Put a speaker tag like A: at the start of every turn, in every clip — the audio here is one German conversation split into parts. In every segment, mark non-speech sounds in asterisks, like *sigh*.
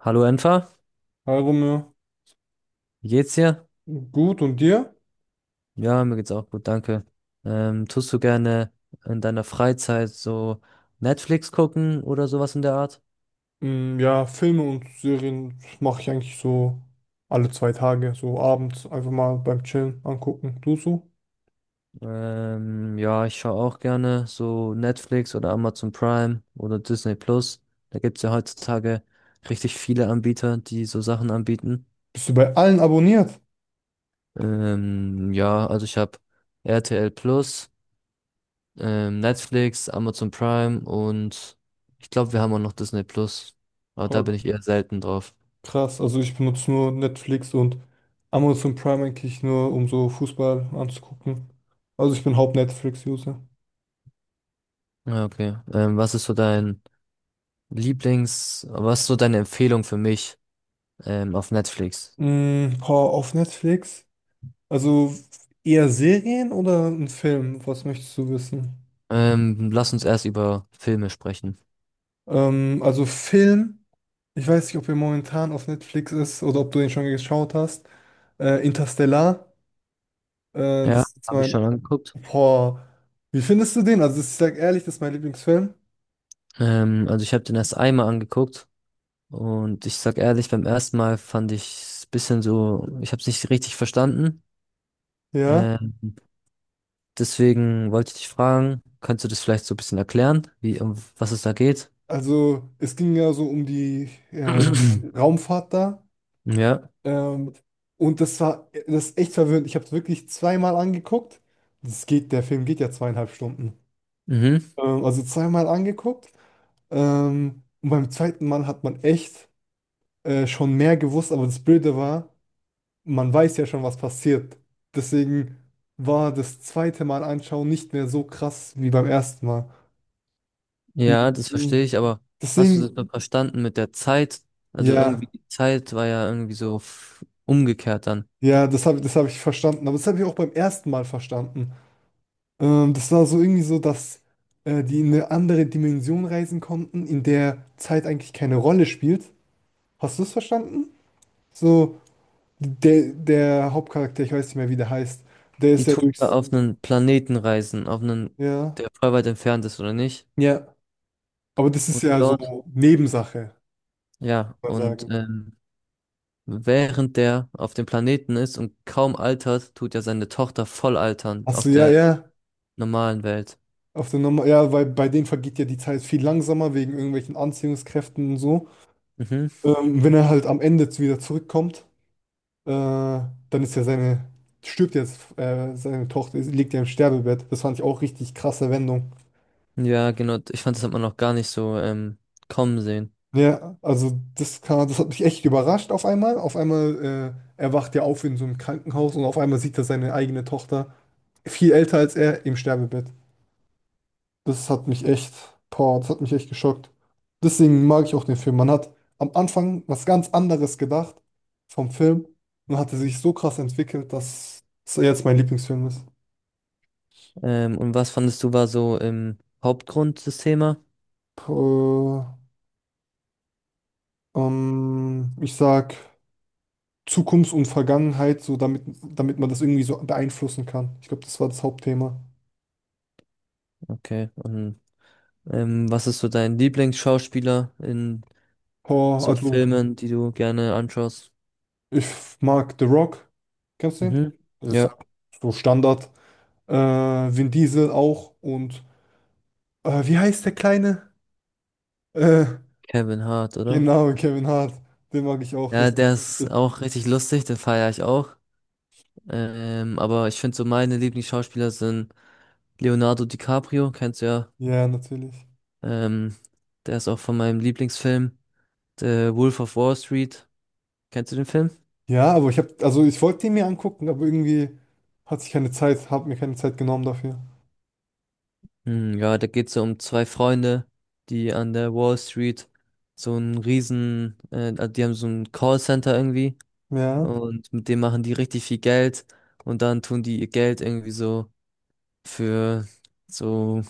A: Hallo Enfer,
B: Hi Romeo,
A: wie geht's dir?
B: gut und dir?
A: Ja, mir geht's auch gut, danke. Tust du gerne in deiner Freizeit so Netflix gucken oder sowas in der Art?
B: Mm, ja, Filme und Serien mache ich eigentlich so alle 2 Tage, so abends einfach mal beim Chillen angucken. Du so?
A: Ja, ich schaue auch gerne so Netflix oder Amazon Prime oder Disney Plus. Da gibt's ja heutzutage richtig viele Anbieter, die so Sachen anbieten.
B: Bist du bei allen abonniert?
A: Ja, also ich habe RTL Plus, Netflix, Amazon Prime und ich glaube, wir haben auch noch Disney Plus. Aber da bin
B: Oh,
A: ich eher selten drauf.
B: krass, also ich benutze nur Netflix und Amazon Prime eigentlich nur, um so Fußball anzugucken. Also ich bin Haupt-Netflix-User.
A: Ja, okay. Was ist so deine Empfehlung für mich auf Netflix?
B: Mm, boah, auf Netflix? Also eher Serien oder ein Film? Was möchtest du wissen?
A: Lass uns erst über Filme sprechen.
B: Also Film. Ich weiß nicht, ob er momentan auf Netflix ist oder ob du den schon geschaut hast. Interstellar.
A: Ja,
B: Das ist
A: habe ich
B: mein.
A: schon angeguckt.
B: Boah. Wie findest du den? Also, ich sag ehrlich, das ist mein Lieblingsfilm.
A: Also ich habe den erst einmal angeguckt und ich sag ehrlich, beim ersten Mal fand ich ein bisschen so, ich habe es nicht richtig verstanden.
B: Ja.
A: Ähm, deswegen wollte ich dich fragen, kannst du das vielleicht so ein bisschen erklären, wie, um was es da geht?
B: Also, es ging ja so um die äh,
A: *clears throat*
B: Raumfahrt da.
A: Ja.
B: Ähm, und das ist echt verwirrend. Ich habe es wirklich zweimal angeguckt. Der Film geht ja 2,5 Stunden.
A: Mhm.
B: Also zweimal angeguckt. Und beim zweiten Mal hat man echt schon mehr gewusst, aber das Blöde war, man weiß ja schon, was passiert. Deswegen war das zweite Mal anschauen nicht mehr so krass wie beim ersten Mal.
A: Ja, das verstehe
B: Mhm.
A: ich, aber hast du das
B: Deswegen,
A: dann verstanden mit der Zeit? Also irgendwie
B: ja,
A: die Zeit war ja irgendwie so umgekehrt dann.
B: ja, das hab ich verstanden. Aber das habe ich auch beim ersten Mal verstanden. Das war so irgendwie so, dass die in eine andere Dimension reisen konnten, in der Zeit eigentlich keine Rolle spielt. Hast du es verstanden? So, der Hauptcharakter, ich weiß nicht mehr, wie der heißt, der
A: Die
B: ist ja
A: tun ja
B: durchs.
A: auf einen Planeten reisen, auf einen,
B: Ja.
A: der voll weit entfernt ist, oder nicht?
B: Ja. Aber das ist
A: Und
B: ja
A: dort,
B: so Nebensache.
A: ja,
B: Mal
A: und
B: sagen.
A: während der auf dem Planeten ist und kaum altert, tut ja seine Tochter voll altern
B: Achso,
A: auf
B: ja,
A: der
B: ja.
A: normalen Welt.
B: Auf der Norm ja, weil bei denen vergeht ja die Zeit viel langsamer wegen irgendwelchen Anziehungskräften und so.
A: Mhm.
B: Wenn er halt am Ende wieder zurückkommt, dann ist ja seine, stirbt jetzt, seine Tochter liegt ja im Sterbebett. Das fand ich auch richtig krasse Wendung.
A: Ja, genau. Ich fand, das hat man noch gar nicht so kommen sehen.
B: Ja, also das hat mich echt überrascht auf einmal. Auf einmal, erwacht er ja auf in so einem Krankenhaus und auf einmal sieht er seine eigene Tochter, viel älter als er, im Sterbebett. Das hat mich echt, Boah, das hat mich echt geschockt. Deswegen mag ich auch den Film. Man hat am Anfang was ganz anderes gedacht vom Film und hatte sich so krass entwickelt, dass es jetzt mein Lieblingsfilm ist.
A: Und was fandest du war so im Hauptgrund des Themas?
B: Puh, ich sag Zukunft und Vergangenheit, so damit man das irgendwie so beeinflussen kann. Ich glaube, das war das Hauptthema.
A: Okay. Und was ist so dein Lieblingsschauspieler in
B: Boah,
A: so
B: also
A: Filmen, die du gerne anschaust?
B: ich mag The Rock. Kennst du den?
A: Mhm.
B: Das ist
A: Ja,
B: halt so Standard. Äh, Vin Diesel auch und wie heißt der Kleine? Äh,
A: Kevin Hart, oder?
B: genau, Kevin Hart. Den mag ich auch.
A: Ja,
B: Das
A: der ist auch richtig lustig, den feiere ich auch. Aber ich finde so meine Lieblingsschauspieler sind Leonardo DiCaprio, kennst du ja.
B: Ja, natürlich.
A: Ähm, der ist auch von meinem Lieblingsfilm, The Wolf of Wall Street. Kennst du den Film?
B: Ja, aber also ich wollte den mir angucken, aber irgendwie hatte ich keine Zeit, habe mir keine Zeit genommen dafür.
A: Hm, ja, da geht's ja um zwei Freunde, die an der Wall Street so ein riesen, also die haben so ein Callcenter irgendwie
B: Ja,
A: und mit dem machen die richtig viel Geld und dann tun die ihr Geld irgendwie so, für so,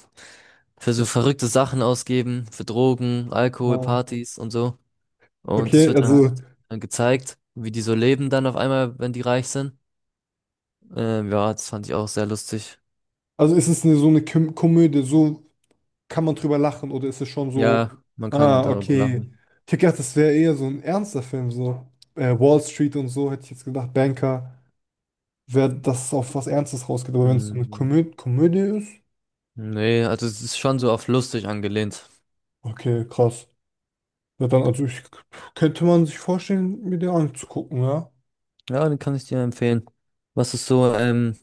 A: für so verrückte Sachen ausgeben, für Drogen, Alkohol,
B: nein.
A: Partys und so. Und das
B: Okay,
A: wird dann halt
B: also,
A: dann gezeigt, wie die so leben dann auf einmal, wenn die reich sind. Ja, das fand ich auch sehr lustig.
B: ist es so eine Komödie, so kann man drüber lachen oder ist es schon so,
A: Ja, man kann
B: ah,
A: darüber
B: okay.
A: lachen.
B: Ich hätte gedacht, das wäre eher so ein ernster Film, so Wall Street und so, hätte ich jetzt gedacht, Banker, wäre das auf was Ernstes rausgeht, aber wenn es so eine
A: Hm.
B: Komödie ist,
A: Nee, also es ist schon so auf lustig angelehnt.
B: okay, krass. Ja, dann, also ich könnte man sich vorstellen, mir den anzugucken, ja.
A: Ja, den kann ich dir empfehlen. Was ist so,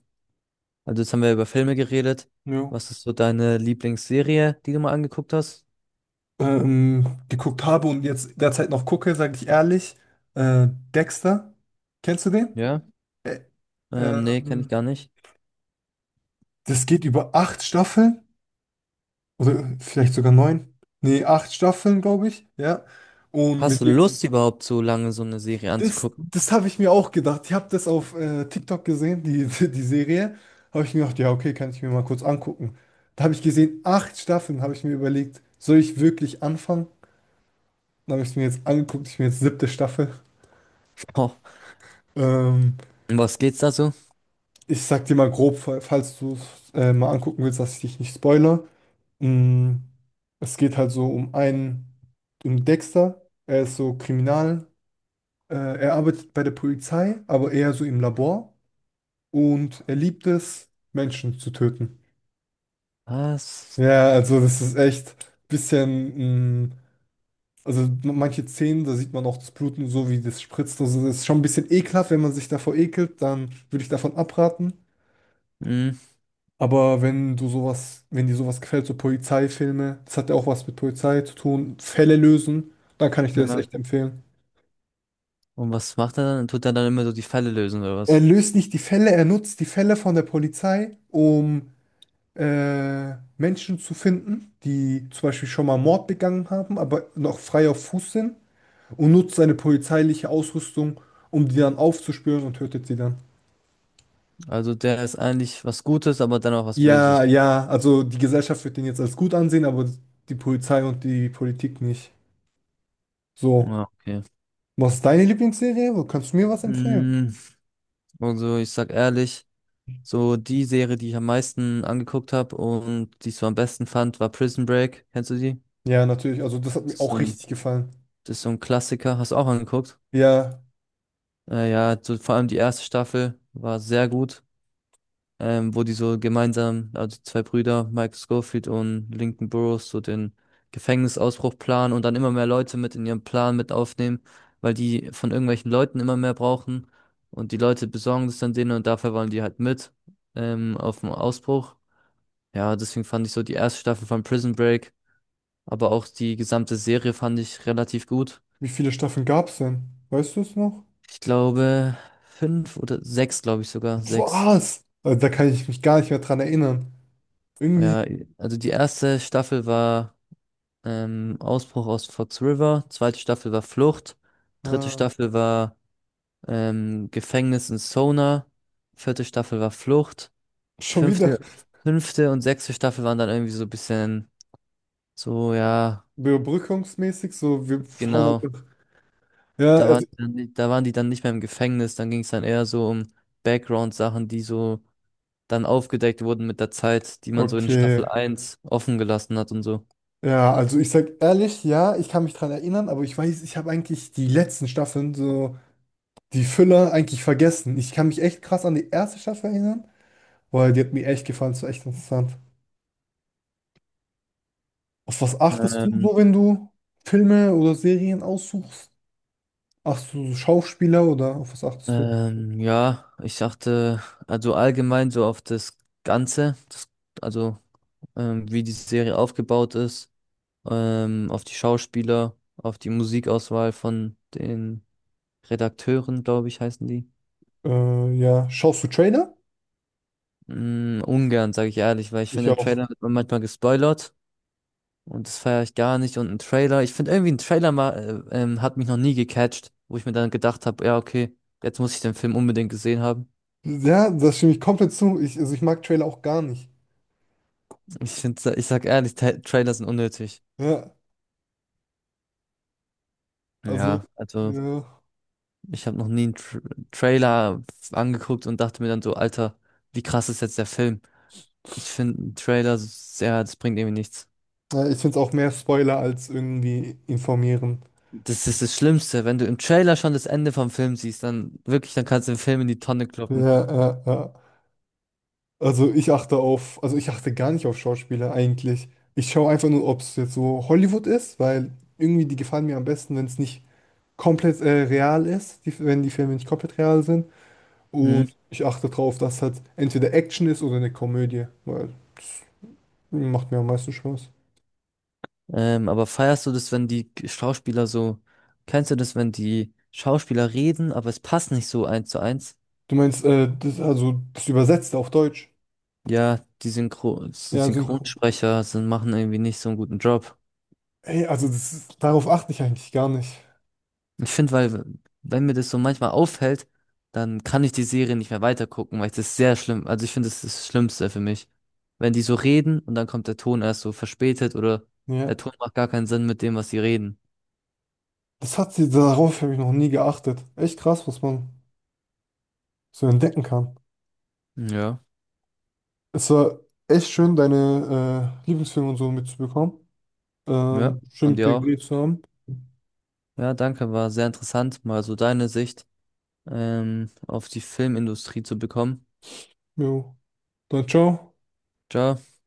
A: also jetzt haben wir über Filme geredet.
B: Ja.
A: Was ist so deine Lieblingsserie, die du mal angeguckt hast?
B: Geguckt habe und jetzt derzeit noch gucke, sage ich ehrlich. Äh, Dexter, kennst du den?
A: Ja.
B: Ä-
A: Nee, kenne ich
B: ähm,
A: gar nicht.
B: Das geht über acht Staffeln oder vielleicht sogar neun. Nee, acht Staffeln, glaube ich. Ja. Und
A: Hast
B: mit
A: du Lust überhaupt so lange so eine Serie
B: Das,
A: anzugucken? *laughs*
B: das habe ich mir auch gedacht. Ich habe das auf TikTok gesehen, *laughs* die Serie. Habe ich mir gedacht, ja, okay, kann ich mir mal kurz angucken. Da habe ich gesehen, acht Staffeln, habe ich mir überlegt, soll ich wirklich anfangen? Dann habe ich es mir jetzt angeguckt, ich bin jetzt siebte Staffel.
A: Oh,
B: Ähm,
A: um was geht's da so?
B: Ich sag dir mal grob, falls du es mal angucken willst, dass ich dich nicht spoilere. Mm, es geht halt so um Dexter. Er ist so Kriminal. Äh, Er arbeitet bei der Polizei, aber eher so im Labor. Und er liebt es, Menschen zu töten.
A: Was?
B: Ja, also das ist echt ein bisschen, also manche Szenen, da sieht man auch das Bluten so, wie das spritzt. Also das ist schon ein bisschen ekelhaft, wenn man sich davor ekelt, dann würde ich davon abraten.
A: Hm.
B: Aber wenn dir sowas gefällt, so Polizeifilme, das hat ja auch was mit Polizei zu tun, Fälle lösen, dann kann ich dir das
A: Ja.
B: echt empfehlen.
A: Und was macht er dann? Tut er dann immer so die Fälle lösen oder
B: Er
A: was?
B: löst nicht die Fälle, er nutzt die Fälle von der Polizei, um Menschen zu finden, die zum Beispiel schon mal Mord begangen haben, aber noch frei auf Fuß sind und nutzt seine polizeiliche Ausrüstung, um die dann aufzuspüren und tötet sie dann.
A: Also der ist eigentlich was Gutes, aber dann auch was
B: Ja,
A: Böses.
B: ja, also die Gesellschaft wird den jetzt als gut ansehen, aber die Polizei und die Politik nicht. So,
A: Ja, okay.
B: was ist deine Lieblingsserie? Wo kannst du mir was empfehlen?
A: Hm, also ich sag ehrlich. So die Serie, die ich am meisten angeguckt habe und die ich so am besten fand, war Prison Break. Kennst du die?
B: Ja, natürlich, also das hat
A: Das
B: mir
A: ist so
B: auch
A: ein,
B: richtig gefallen.
A: das ist so ein Klassiker. Hast du auch angeguckt?
B: Ja,
A: Ja, so, vor allem die erste Staffel war sehr gut, wo die so gemeinsam, also die zwei Brüder, Michael Scofield und Lincoln Burrows, so den Gefängnisausbruch planen und dann immer mehr Leute mit in ihren Plan mit aufnehmen, weil die von irgendwelchen Leuten immer mehr brauchen und die Leute besorgen das dann denen und dafür wollen die halt mit auf dem Ausbruch. Ja, deswegen fand ich so die erste Staffel von Prison Break, aber auch die gesamte Serie fand ich relativ gut.
B: wie viele Staffeln gab es denn? Weißt du es noch?
A: Ich glaube, fünf oder sechs, glaube ich sogar, sechs.
B: Was? Also, da kann ich mich gar nicht mehr dran erinnern. Irgendwie.
A: Ja, also die erste Staffel war Ausbruch aus Fox River, zweite Staffel war Flucht, dritte
B: äh,
A: Staffel war Gefängnis in Sona, vierte Staffel war Flucht,
B: Schon wieder
A: fünfte, fünfte und sechste Staffel waren dann irgendwie so ein bisschen so, ja,
B: überbrückungsmäßig, so wir hauen
A: genau.
B: einfach. Ja, also,
A: Da waren die dann nicht mehr im Gefängnis, dann ging es dann eher so um Background-Sachen, die so dann aufgedeckt wurden mit der Zeit, die man so in Staffel
B: okay.
A: eins offen gelassen hat und so.
B: Ja, also ich sag ehrlich, ja, ich kann mich dran erinnern, aber ich weiß, ich habe eigentlich die letzten Staffeln, so die Füller, eigentlich vergessen. Ich kann mich echt krass an die erste Staffel erinnern, weil die hat mir echt gefallen, so echt interessant. Auf was achtest du
A: Ähm,
B: so, wenn du Filme oder Serien aussuchst? Achtest du so Schauspieler oder auf was achtest du?
A: ja, ich dachte, also allgemein so auf das Ganze, das, also wie die Serie aufgebaut ist, auf die Schauspieler, auf die Musikauswahl von den Redakteuren, glaube ich, heißen die.
B: Ja, schaust du Trailer?
A: Ungern, sage ich ehrlich, weil ich
B: Ich
A: finde, im
B: auch.
A: Trailer wird man manchmal gespoilert. Und das feiere ich gar nicht. Und ein Trailer, ich finde irgendwie ein Trailer mal, hat mich noch nie gecatcht, wo ich mir dann gedacht habe, ja, okay, jetzt muss ich den Film unbedingt gesehen haben. *laughs*
B: Ja, das stimme ich komplett zu. Also ich mag Trailer auch gar nicht.
A: Ich finde, ich sag ehrlich, Ta Trailer sind unnötig.
B: Ja, also,
A: Ja, also
B: ja.
A: ich habe noch nie einen Tr Trailer angeguckt und dachte mir dann so, Alter, wie krass ist jetzt der Film? Ich finde einen Trailer, ja, das bringt irgendwie nichts.
B: Ja, ich finde es auch mehr Spoiler als irgendwie informieren.
A: Das ist das Schlimmste, wenn du im Trailer schon das Ende vom Film siehst, dann wirklich, dann kannst du den Film in die Tonne kloppen.
B: Ja, ja, ja. Also ich achte gar nicht auf Schauspieler eigentlich. Ich schaue einfach nur, ob es jetzt so Hollywood ist, weil irgendwie die gefallen mir am besten, wenn es nicht komplett real ist, wenn die Filme nicht komplett real sind. Und
A: Hm?
B: ich achte drauf, dass halt entweder Action ist oder eine Komödie, weil das macht mir am meisten Spaß.
A: Aber feierst du das, wenn die Schauspieler so, kennst du das, wenn die Schauspieler reden, aber es passt nicht so eins zu eins?
B: Du meinst, also das Übersetzte auf Deutsch?
A: Ja, die Synchro
B: Ja, synchron.
A: Synchronsprecher sind, machen irgendwie nicht so einen guten Job.
B: Hey, also darauf achte ich eigentlich gar nicht.
A: Ich finde, weil, wenn mir das so manchmal auffällt, dann kann ich die Serie nicht mehr weitergucken, weil ich das sehr schlimm, also ich finde, das ist das Schlimmste für mich. Wenn die so reden und dann kommt der Ton erst so verspätet oder der
B: Ja.
A: Ton macht gar keinen Sinn mit dem, was sie reden.
B: Darauf habe ich noch nie geachtet. Echt krass, was man so entdecken kann.
A: Ja,
B: Es war echt schön, deine Lieblingsfilme und so mitzubekommen.
A: ja,
B: Schön
A: und
B: mit
A: dir
B: dir
A: auch.
B: geredet zu haben.
A: Ja, danke, war sehr interessant, mal so deine Sicht auf die Filmindustrie zu bekommen.
B: Jo. Dann ciao.
A: Ciao.